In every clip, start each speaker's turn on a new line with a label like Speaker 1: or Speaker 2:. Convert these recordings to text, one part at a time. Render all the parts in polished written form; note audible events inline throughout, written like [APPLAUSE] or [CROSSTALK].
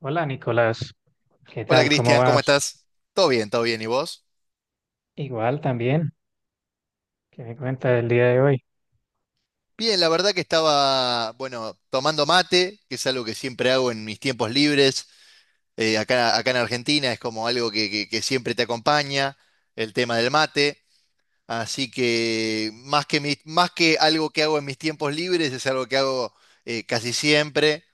Speaker 1: Hola Nicolás, ¿qué
Speaker 2: Hola
Speaker 1: tal? ¿Cómo
Speaker 2: Cristian, ¿cómo
Speaker 1: vas?
Speaker 2: estás? Todo bien, todo bien. ¿Y vos?
Speaker 1: Igual también, ¿qué me cuenta del día de hoy?
Speaker 2: Bien, la verdad que estaba, bueno, tomando mate, que es algo que siempre hago en mis tiempos libres. Acá en Argentina es como algo que siempre te acompaña, el tema del mate. Así que más que algo que hago en mis tiempos libres, es algo que hago casi siempre.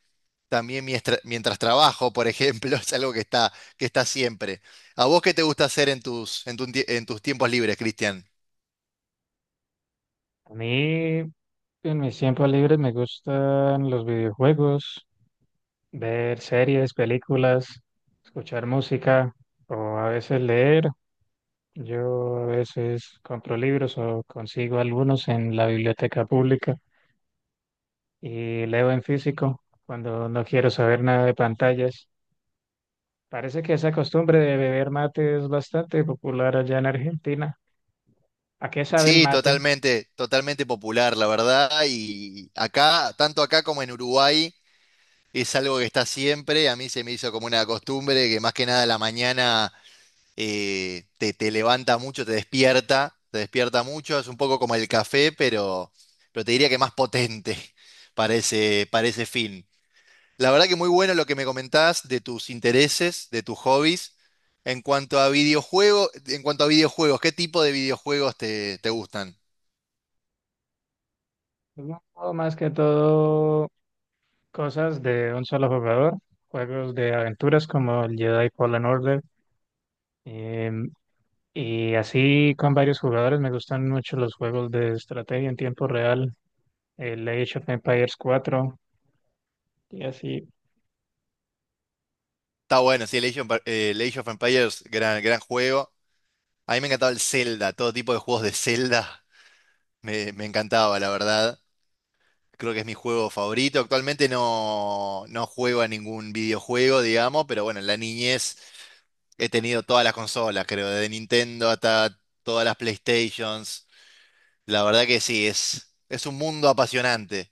Speaker 2: También mientras trabajo, por ejemplo, [LAUGHS] es algo que está siempre. ¿A vos qué te gusta hacer en tus tiempos libres, Cristian?
Speaker 1: A mí en mis tiempos libres me gustan los videojuegos, ver series, películas, escuchar música o a veces leer. Yo a veces compro libros o consigo algunos en la biblioteca pública y leo en físico cuando no quiero saber nada de pantallas. Parece que esa costumbre de beber mate es bastante popular allá en Argentina. ¿A qué sabe el
Speaker 2: Sí,
Speaker 1: mate?
Speaker 2: totalmente, totalmente popular, la verdad. Y acá, tanto acá como en Uruguay, es algo que está siempre. A mí se me hizo como una costumbre que más que nada a la mañana te levanta mucho, te despierta mucho. Es un poco como el café, pero te diría que más potente [LAUGHS] para ese fin. La verdad que muy bueno lo que me comentás de tus intereses, de tus hobbies. En cuanto a videojuegos, ¿qué tipo de videojuegos te gustan?
Speaker 1: Es un juego más que todo cosas de un solo jugador, juegos de aventuras como el Jedi Fallen Order, em, y así con varios jugadores. Me gustan mucho los juegos de estrategia en tiempo real, el Age of Empires 4 y así.
Speaker 2: Está bueno, sí, el el Age of Empires, gran, gran juego. A mí me encantaba el Zelda, todo tipo de juegos de Zelda [LAUGHS] me encantaba, la verdad. Creo que es mi juego favorito. Actualmente no juego a ningún videojuego, digamos, pero bueno, en la niñez he tenido todas las consolas, creo, desde Nintendo hasta todas las PlayStations. La verdad que sí, es un mundo apasionante.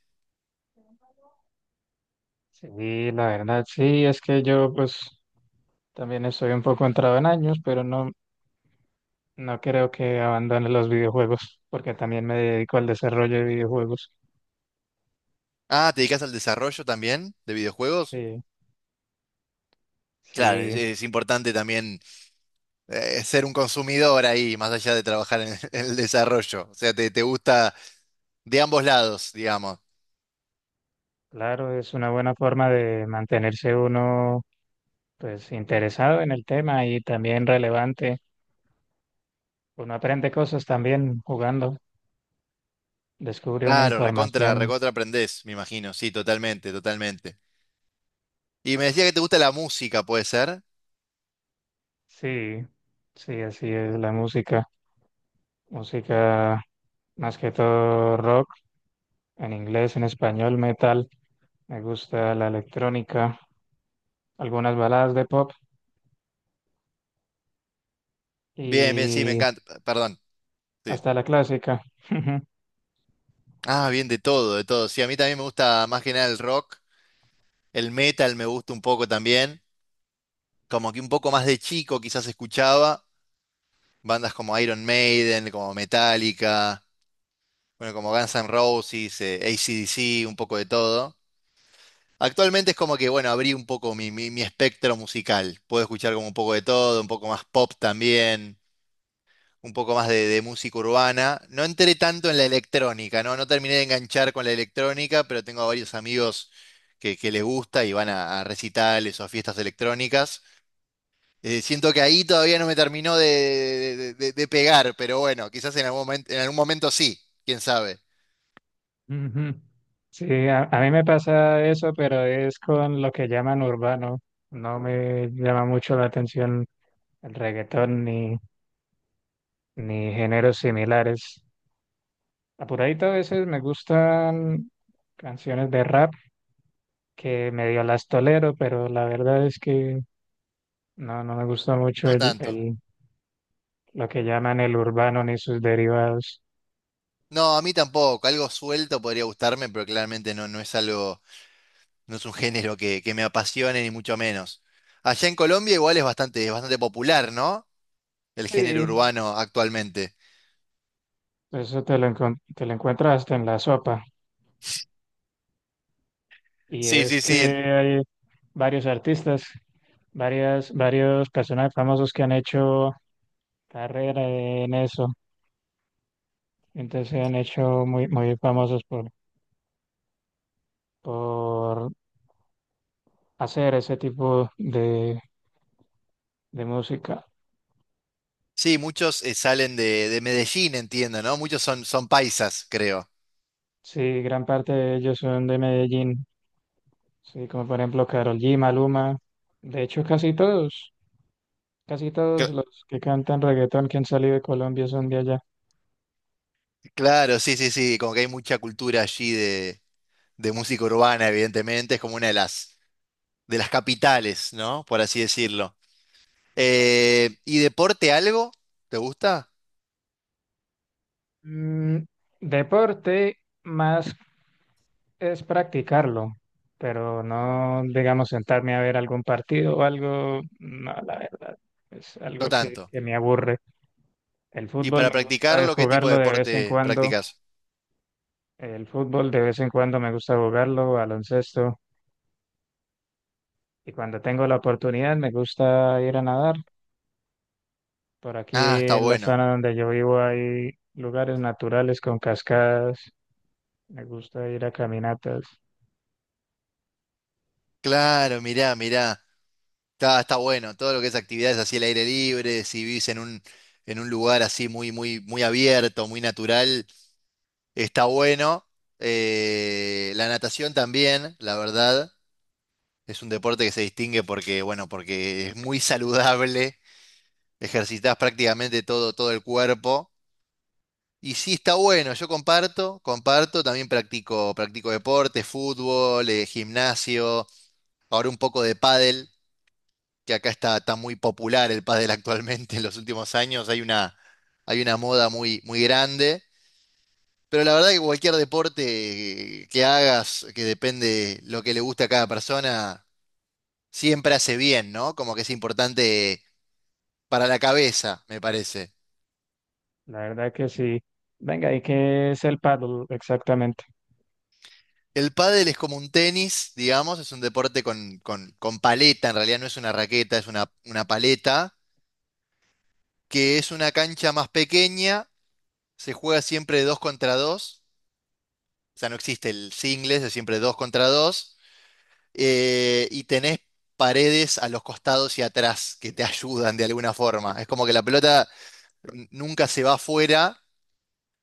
Speaker 1: Sí, la verdad, sí, es que yo pues también estoy un poco entrado en años, pero no, no creo que abandone los videojuegos, porque también me dedico al desarrollo de videojuegos.
Speaker 2: Ah, ¿te dedicas al desarrollo también de videojuegos?
Speaker 1: Sí,
Speaker 2: Claro, es,
Speaker 1: sí.
Speaker 2: es importante también ser un consumidor ahí, más allá de trabajar en, [LAUGHS] en el desarrollo. O sea, te gusta de ambos lados, digamos.
Speaker 1: Claro, es una buena forma de mantenerse uno pues interesado en el tema y también relevante. Uno aprende cosas también jugando, descubre una
Speaker 2: Claro, recontra,
Speaker 1: información.
Speaker 2: recontra aprendés, me imagino. Sí, totalmente, totalmente. Y me decía que te gusta la música, ¿puede ser?
Speaker 1: Sí, sí, así es la música. Música más que todo rock, en inglés, en español, metal. Me gusta la electrónica, algunas baladas de pop
Speaker 2: Bien, bien, sí, me
Speaker 1: y
Speaker 2: encanta. Perdón. Sí.
Speaker 1: hasta la clásica. [LAUGHS]
Speaker 2: Ah, bien, de todo, de todo. Sí, a mí también me gusta más que nada el rock. El metal me gusta un poco también. Como que un poco más de chico quizás escuchaba. Bandas como Iron Maiden, como Metallica, bueno, como Guns N' Roses, AC/DC, un poco de todo. Actualmente es como que, bueno, abrí un poco mi espectro musical. Puedo escuchar como un poco de todo, un poco más pop también, un poco más de música urbana. No entré tanto en la electrónica, ¿no? No terminé de enganchar con la electrónica, pero tengo a varios amigos que les gusta y van a recitales o a fiestas electrónicas. Siento que ahí todavía no me terminó de pegar, pero bueno, quizás en algún momento sí, quién sabe,
Speaker 1: Ujú. Sí, a mí me pasa eso, pero es con lo que llaman urbano. No me llama mucho la atención el reggaetón ni géneros similares. Apuradito a veces me gustan canciones de rap que medio las tolero, pero la verdad es que no, no me gusta mucho
Speaker 2: no tanto.
Speaker 1: lo que llaman el urbano ni sus derivados.
Speaker 2: No, a mí tampoco, algo suelto podría gustarme, pero claramente no es algo. No es un género que me apasione, ni mucho menos. Allá en Colombia igual es bastante popular, ¿no? El género
Speaker 1: Sí,
Speaker 2: urbano actualmente.
Speaker 1: eso te lo encuentras hasta en la sopa. Y
Speaker 2: Sí,
Speaker 1: es
Speaker 2: sí,
Speaker 1: que
Speaker 2: sí.
Speaker 1: hay varios artistas, varias, varios personajes famosos que han hecho carrera en eso. Entonces se han hecho muy, muy famosos por hacer ese tipo de música.
Speaker 2: Sí, muchos salen de Medellín, entiendo, ¿no? Muchos son paisas, creo.
Speaker 1: Sí, gran parte de ellos son de Medellín. Sí, como por ejemplo Karol G, Maluma. De hecho, casi todos
Speaker 2: Cl-
Speaker 1: los que cantan reggaetón que han salido de Colombia son de allá.
Speaker 2: claro, sí, sí, sí. Como que hay mucha cultura allí de música urbana, evidentemente. Es como una de las capitales, ¿no? Por así decirlo.
Speaker 1: Está-
Speaker 2: ¿Y deporte algo? ¿Te gusta?
Speaker 1: Mm, deporte más es practicarlo, pero no, digamos, sentarme a ver algún partido o algo, no, la verdad, es
Speaker 2: No
Speaker 1: algo que,
Speaker 2: tanto.
Speaker 1: que me aburre. El
Speaker 2: ¿Y
Speaker 1: fútbol
Speaker 2: para
Speaker 1: me gusta es
Speaker 2: practicarlo, qué tipo de
Speaker 1: jugarlo de vez en
Speaker 2: deporte
Speaker 1: cuando,
Speaker 2: practicas?
Speaker 1: el fútbol de vez en cuando me gusta jugarlo, baloncesto, y cuando tengo la oportunidad me gusta ir a nadar. Por aquí
Speaker 2: Ah, está
Speaker 1: en la
Speaker 2: bueno.
Speaker 1: zona donde yo vivo hay lugares naturales con cascadas, me gusta ir a caminatas,
Speaker 2: Claro, mirá, mirá. Está bueno. Todo lo que es actividades así al aire libre, si vivís en un lugar así muy, muy, muy abierto, muy natural, está bueno. La natación también, la verdad, es un deporte que se distingue porque, bueno, porque es muy saludable. Ejercitás prácticamente todo, todo el cuerpo. Y sí, está bueno. Yo comparto, comparto. También practico deporte, fútbol, gimnasio. Ahora un poco de pádel. Que acá está muy popular el pádel actualmente en los últimos años. Hay una moda muy, muy grande. Pero la verdad que cualquier deporte que hagas, que depende lo que le guste a cada persona, siempre hace bien, ¿no? Como que es importante para la cabeza, me parece.
Speaker 1: la verdad que sí. Venga, ¿y qué es el paddle exactamente?
Speaker 2: El pádel es como un tenis, digamos, es un deporte con paleta, en realidad no es una raqueta, es una paleta, que es una cancha más pequeña, se juega siempre dos contra dos. O sea, no existe el singles, es siempre dos contra dos. Y tenés paredes a los costados y atrás que te [LAUGHS] ayudan de alguna forma. Es como que la pelota nunca se va afuera,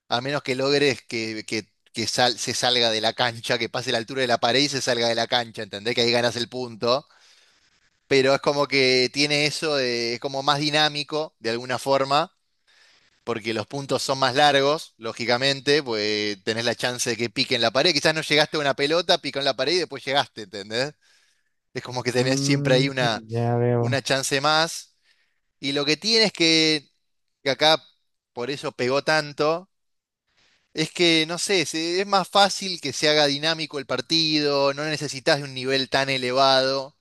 Speaker 2: a menos que logres se salga de la cancha, que pase la altura de la pared y se salga de la cancha, ¿entendés? Que ahí ganas el punto. Pero es como que tiene eso, es como más dinámico de alguna forma. Porque los puntos son más largos, lógicamente, pues tenés la chance de que pique en la pared. Quizás no llegaste a una pelota, picó en la pared y después llegaste, ¿entendés? Es como que tenés siempre ahí
Speaker 1: Mm,
Speaker 2: una,
Speaker 1: ya veo.
Speaker 2: una chance más. Y lo que tiene es que acá por eso pegó tanto, es que, no sé, es más fácil que se haga dinámico el partido, no necesitas de un nivel tan elevado,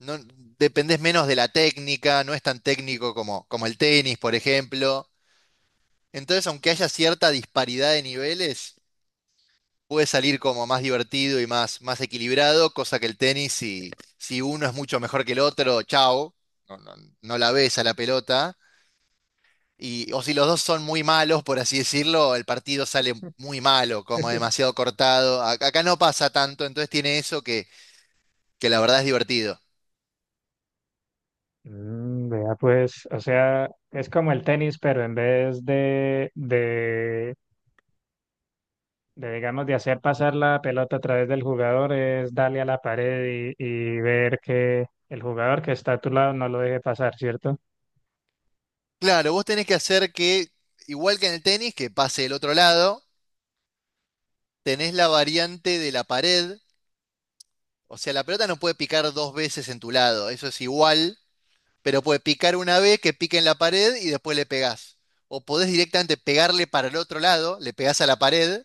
Speaker 2: no, dependés menos de la técnica, no es tan técnico como el tenis, por ejemplo. Entonces, aunque haya cierta disparidad de niveles, puede salir como más divertido y más, más equilibrado, cosa que el tenis, si uno es mucho mejor que el otro, chao, no, no- no la ves a la pelota. Y, o si los dos son muy malos, por así decirlo, el partido sale muy malo, como
Speaker 1: [LAUGHS]
Speaker 2: demasiado cortado. Acá no pasa tanto, entonces tiene eso que la verdad es divertido.
Speaker 1: Vea, pues, o sea, es como el tenis, pero en vez digamos, de hacer pasar la pelota a través del jugador, es darle a la pared y ver que el jugador que está a tu lado no lo deje pasar, ¿cierto?
Speaker 2: Claro, vos tenés que hacer que, igual que en el tenis, que pase el otro lado, tenés la variante de la pared. O sea, la pelota no puede picar dos veces en tu lado, eso es igual, pero puede picar una vez que pique en la pared y después le pegás. O podés directamente pegarle para el otro lado, le pegás a la pared,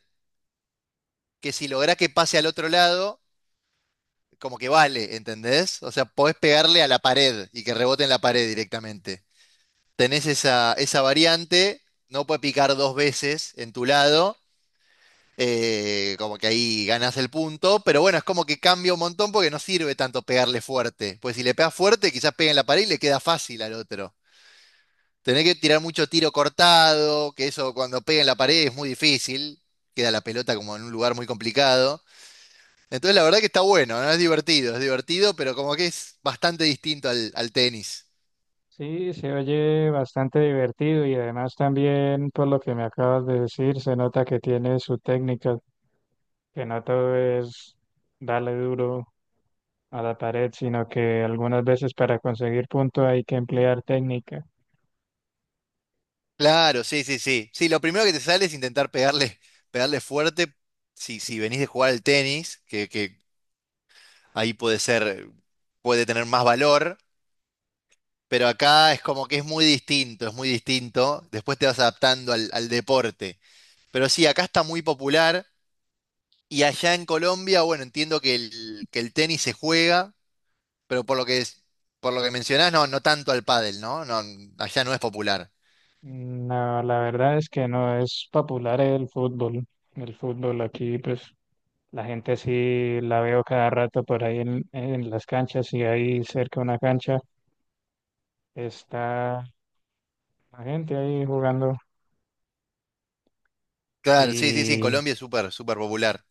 Speaker 2: que si lográs que pase al otro lado, como que vale, ¿entendés? O sea, podés pegarle a la pared y que rebote en la pared directamente. Tenés esa variante, no puede picar dos veces en tu lado. Como que ahí ganas el punto, pero bueno, es como que cambia un montón porque no sirve tanto pegarle fuerte. Pues si le pegas fuerte, quizás pega en la pared y le queda fácil al otro. Tenés que tirar mucho tiro cortado, que eso cuando pega en la pared es muy difícil, queda la pelota como en un lugar muy complicado. Entonces la verdad que está bueno, ¿no? Es divertido, pero como que es bastante distinto al tenis.
Speaker 1: Sí, se oye bastante divertido y además también, por lo que me acabas de decir, se nota que tiene su técnica, que no todo es darle duro, a la pared, sino que algunas veces para conseguir punto hay que emplear técnica.
Speaker 2: Claro, sí, sí, sí. Sí, lo primero que te sale es intentar pegarle fuerte si venís de jugar al tenis, que ahí puede ser, puede tener más valor, pero acá es como que es muy distinto, es muy distinto. Después te vas adaptando al deporte. Pero sí, acá está muy popular y allá en Colombia, bueno, entiendo que el tenis se juega, pero por lo que es, por lo que mencionás, no tanto al pádel, ¿no? No, allá no es popular.
Speaker 1: No, la verdad es que no es popular el fútbol. El fútbol aquí, pues la gente sí la veo cada rato por ahí en las canchas y ahí cerca de una cancha está la gente ahí jugando
Speaker 2: Claro, sí, sí, sí, en
Speaker 1: y
Speaker 2: Colombia es súper, súper popular.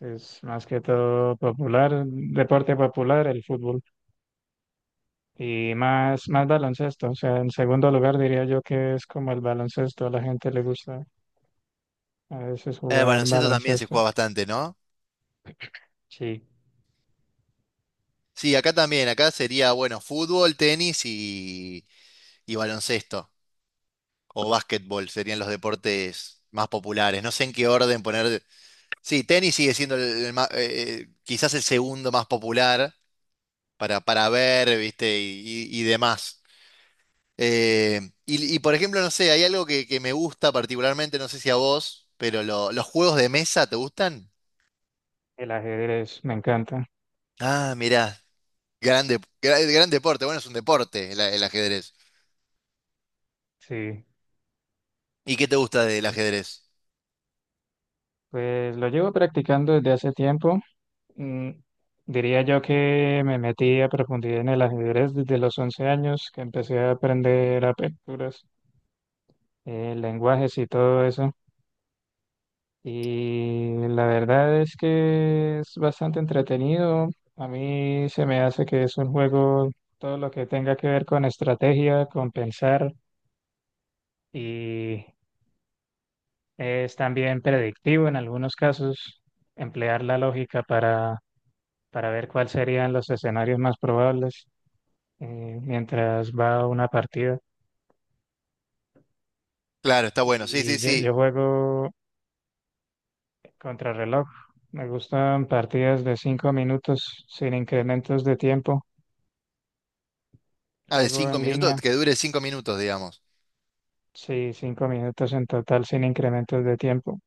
Speaker 1: es más que todo popular, deporte popular el fútbol. Y más baloncesto, o sea, en segundo lugar diría yo que es como el baloncesto, a la gente le gusta. A veces
Speaker 2: El
Speaker 1: jugar
Speaker 2: baloncesto también se
Speaker 1: baloncesto.
Speaker 2: juega bastante, ¿no?
Speaker 1: Sí,
Speaker 2: Sí, acá también, acá sería, bueno, fútbol, tenis y baloncesto o básquetbol serían los deportes más populares. No sé en qué orden poner. Sí, tenis sigue siendo quizás el segundo más popular para ver, ¿viste? Y demás. Eh, por ejemplo, no sé, hay algo que me gusta particularmente, no sé si a vos, pero los juegos de mesa, ¿te gustan?
Speaker 1: el ajedrez me encanta.
Speaker 2: Ah, mirá, gran deporte. Bueno, es un deporte el ajedrez.
Speaker 1: Sí.
Speaker 2: ¿Y qué te gusta del
Speaker 1: sí.
Speaker 2: ajedrez?
Speaker 1: Pues lo llevo practicando desde hace tiempo. Mm, diría yo que me metí a profundidad en el ajedrez desde los 11 años, que empecé a aprender aperturas, lenguajes y todo eso. Y la verdad es que es bastante entretenido. A mí se me hace que es un juego, todo lo que tenga que ver con estrategia, con pensar. Y es también predictivo en algunos casos emplear la lógica para ver cuáles serían los escenarios más probables mientras va una partida.
Speaker 2: Claro, está bueno, sí,
Speaker 1: Y
Speaker 2: sí,
Speaker 1: yo
Speaker 2: sí.
Speaker 1: juego contrarreloj. Me gustan partidas de 5 minutos sin incrementos de tiempo.
Speaker 2: Ah, de
Speaker 1: Juego
Speaker 2: cinco
Speaker 1: en
Speaker 2: minutos,
Speaker 1: línea,
Speaker 2: que dure 5 minutos, digamos.
Speaker 1: sí, 5 minutos en total sin incrementos de tiempo.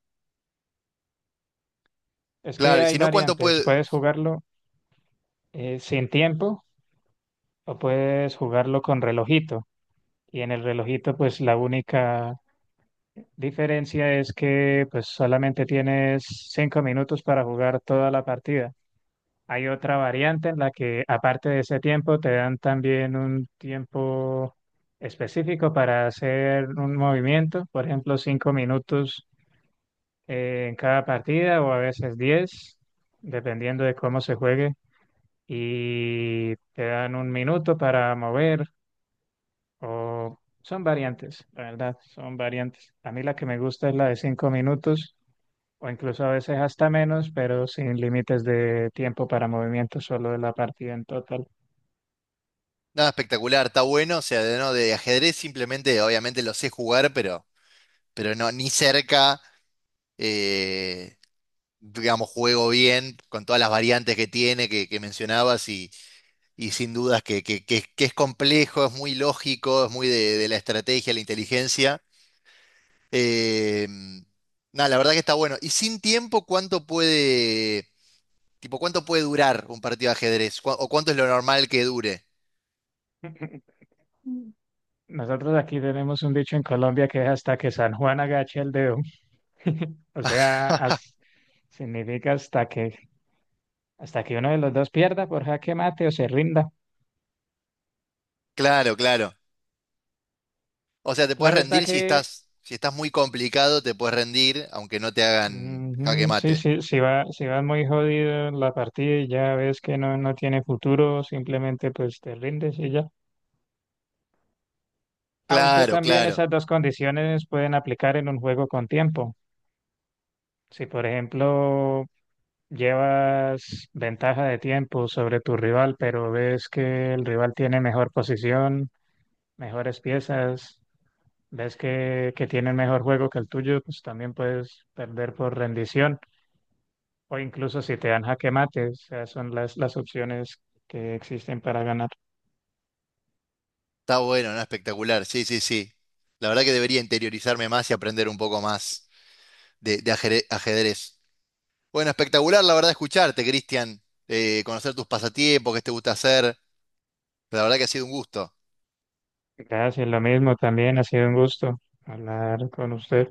Speaker 1: Es que
Speaker 2: Claro, y
Speaker 1: hay
Speaker 2: si no, ¿cuánto
Speaker 1: variantes.
Speaker 2: puede?
Speaker 1: Puedes jugarlo sin tiempo o puedes jugarlo con relojito. Y en el relojito, pues la única diferencia es que pues solamente tienes 5 minutos para jugar toda la partida. Hay otra variante en la que, aparte de ese tiempo, te dan también un tiempo específico para hacer un movimiento, por ejemplo, 5 minutos en cada partida o a veces 10, dependiendo de cómo se juegue. Y te dan 1 minuto para mover. O son variantes, la verdad, son variantes. A mí la que me gusta es la de 5 minutos o incluso a veces hasta menos, pero sin límites de tiempo para movimiento, solo de la partida en total.
Speaker 2: Nada espectacular, está bueno, o sea, de, no, de ajedrez simplemente, obviamente lo sé jugar, pero no, ni cerca, eh, digamos, juego bien con todas las variantes que tiene, que mencionabas, y sin dudas que es complejo, es muy lógico, es muy de la estrategia, la inteligencia. Eh, Nada, la verdad que está bueno. Y sin tiempo, ¿cuánto puede, tipo, cuánto puede durar un partido de ajedrez? ¿O cuánto es lo normal que dure?
Speaker 1: Nosotros aquí tenemos un dicho en Colombia que es hasta que San Juan agache el dedo. [LAUGHS] O sea, significa hasta que uno de los dos pierda por jaque mate o se rinda.
Speaker 2: Claro, claro. O sea, te puedes
Speaker 1: Claro está
Speaker 2: rendir si
Speaker 1: que.
Speaker 2: estás, si estás muy complicado, te puedes rendir, aunque no te hagan jaque
Speaker 1: Ujú. Sí,
Speaker 2: mate.
Speaker 1: sí, si va muy jodida la partida y ya ves que no, no tiene futuro, simplemente pues te rindes y ya. Aunque
Speaker 2: Claro,
Speaker 1: también
Speaker 2: claro.
Speaker 1: esas dos condiciones pueden aplicar en un juego con tiempo. Si por ejemplo llevas ventaja de tiempo sobre tu rival, pero ves que el rival tiene mejor posición, mejores piezas, ves que tiene mejor juego que el tuyo, pues también puedes perder por rendición. O incluso si te dan jaque mate, o sea, son las opciones que existen para ganar.
Speaker 2: Está bueno, ¿no? Espectacular. Sí, sí, sí. La verdad que debería interiorizarme más y aprender un poco más de ajedrez. Bueno, espectacular, la verdad, escucharte, Cristian. Conocer tus pasatiempos, qué te gusta hacer. La verdad que ha sido un gusto.
Speaker 1: Gracias, lo mismo también, ha sido un gusto hablar con usted.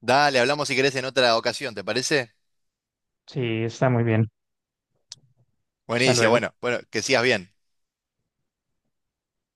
Speaker 2: Dale, hablamos si querés en otra ocasión, ¿te parece?
Speaker 1: Sí, está muy bien. Hasta
Speaker 2: Buenísimo,
Speaker 1: luego.
Speaker 2: bueno, bueno, que sigas bien.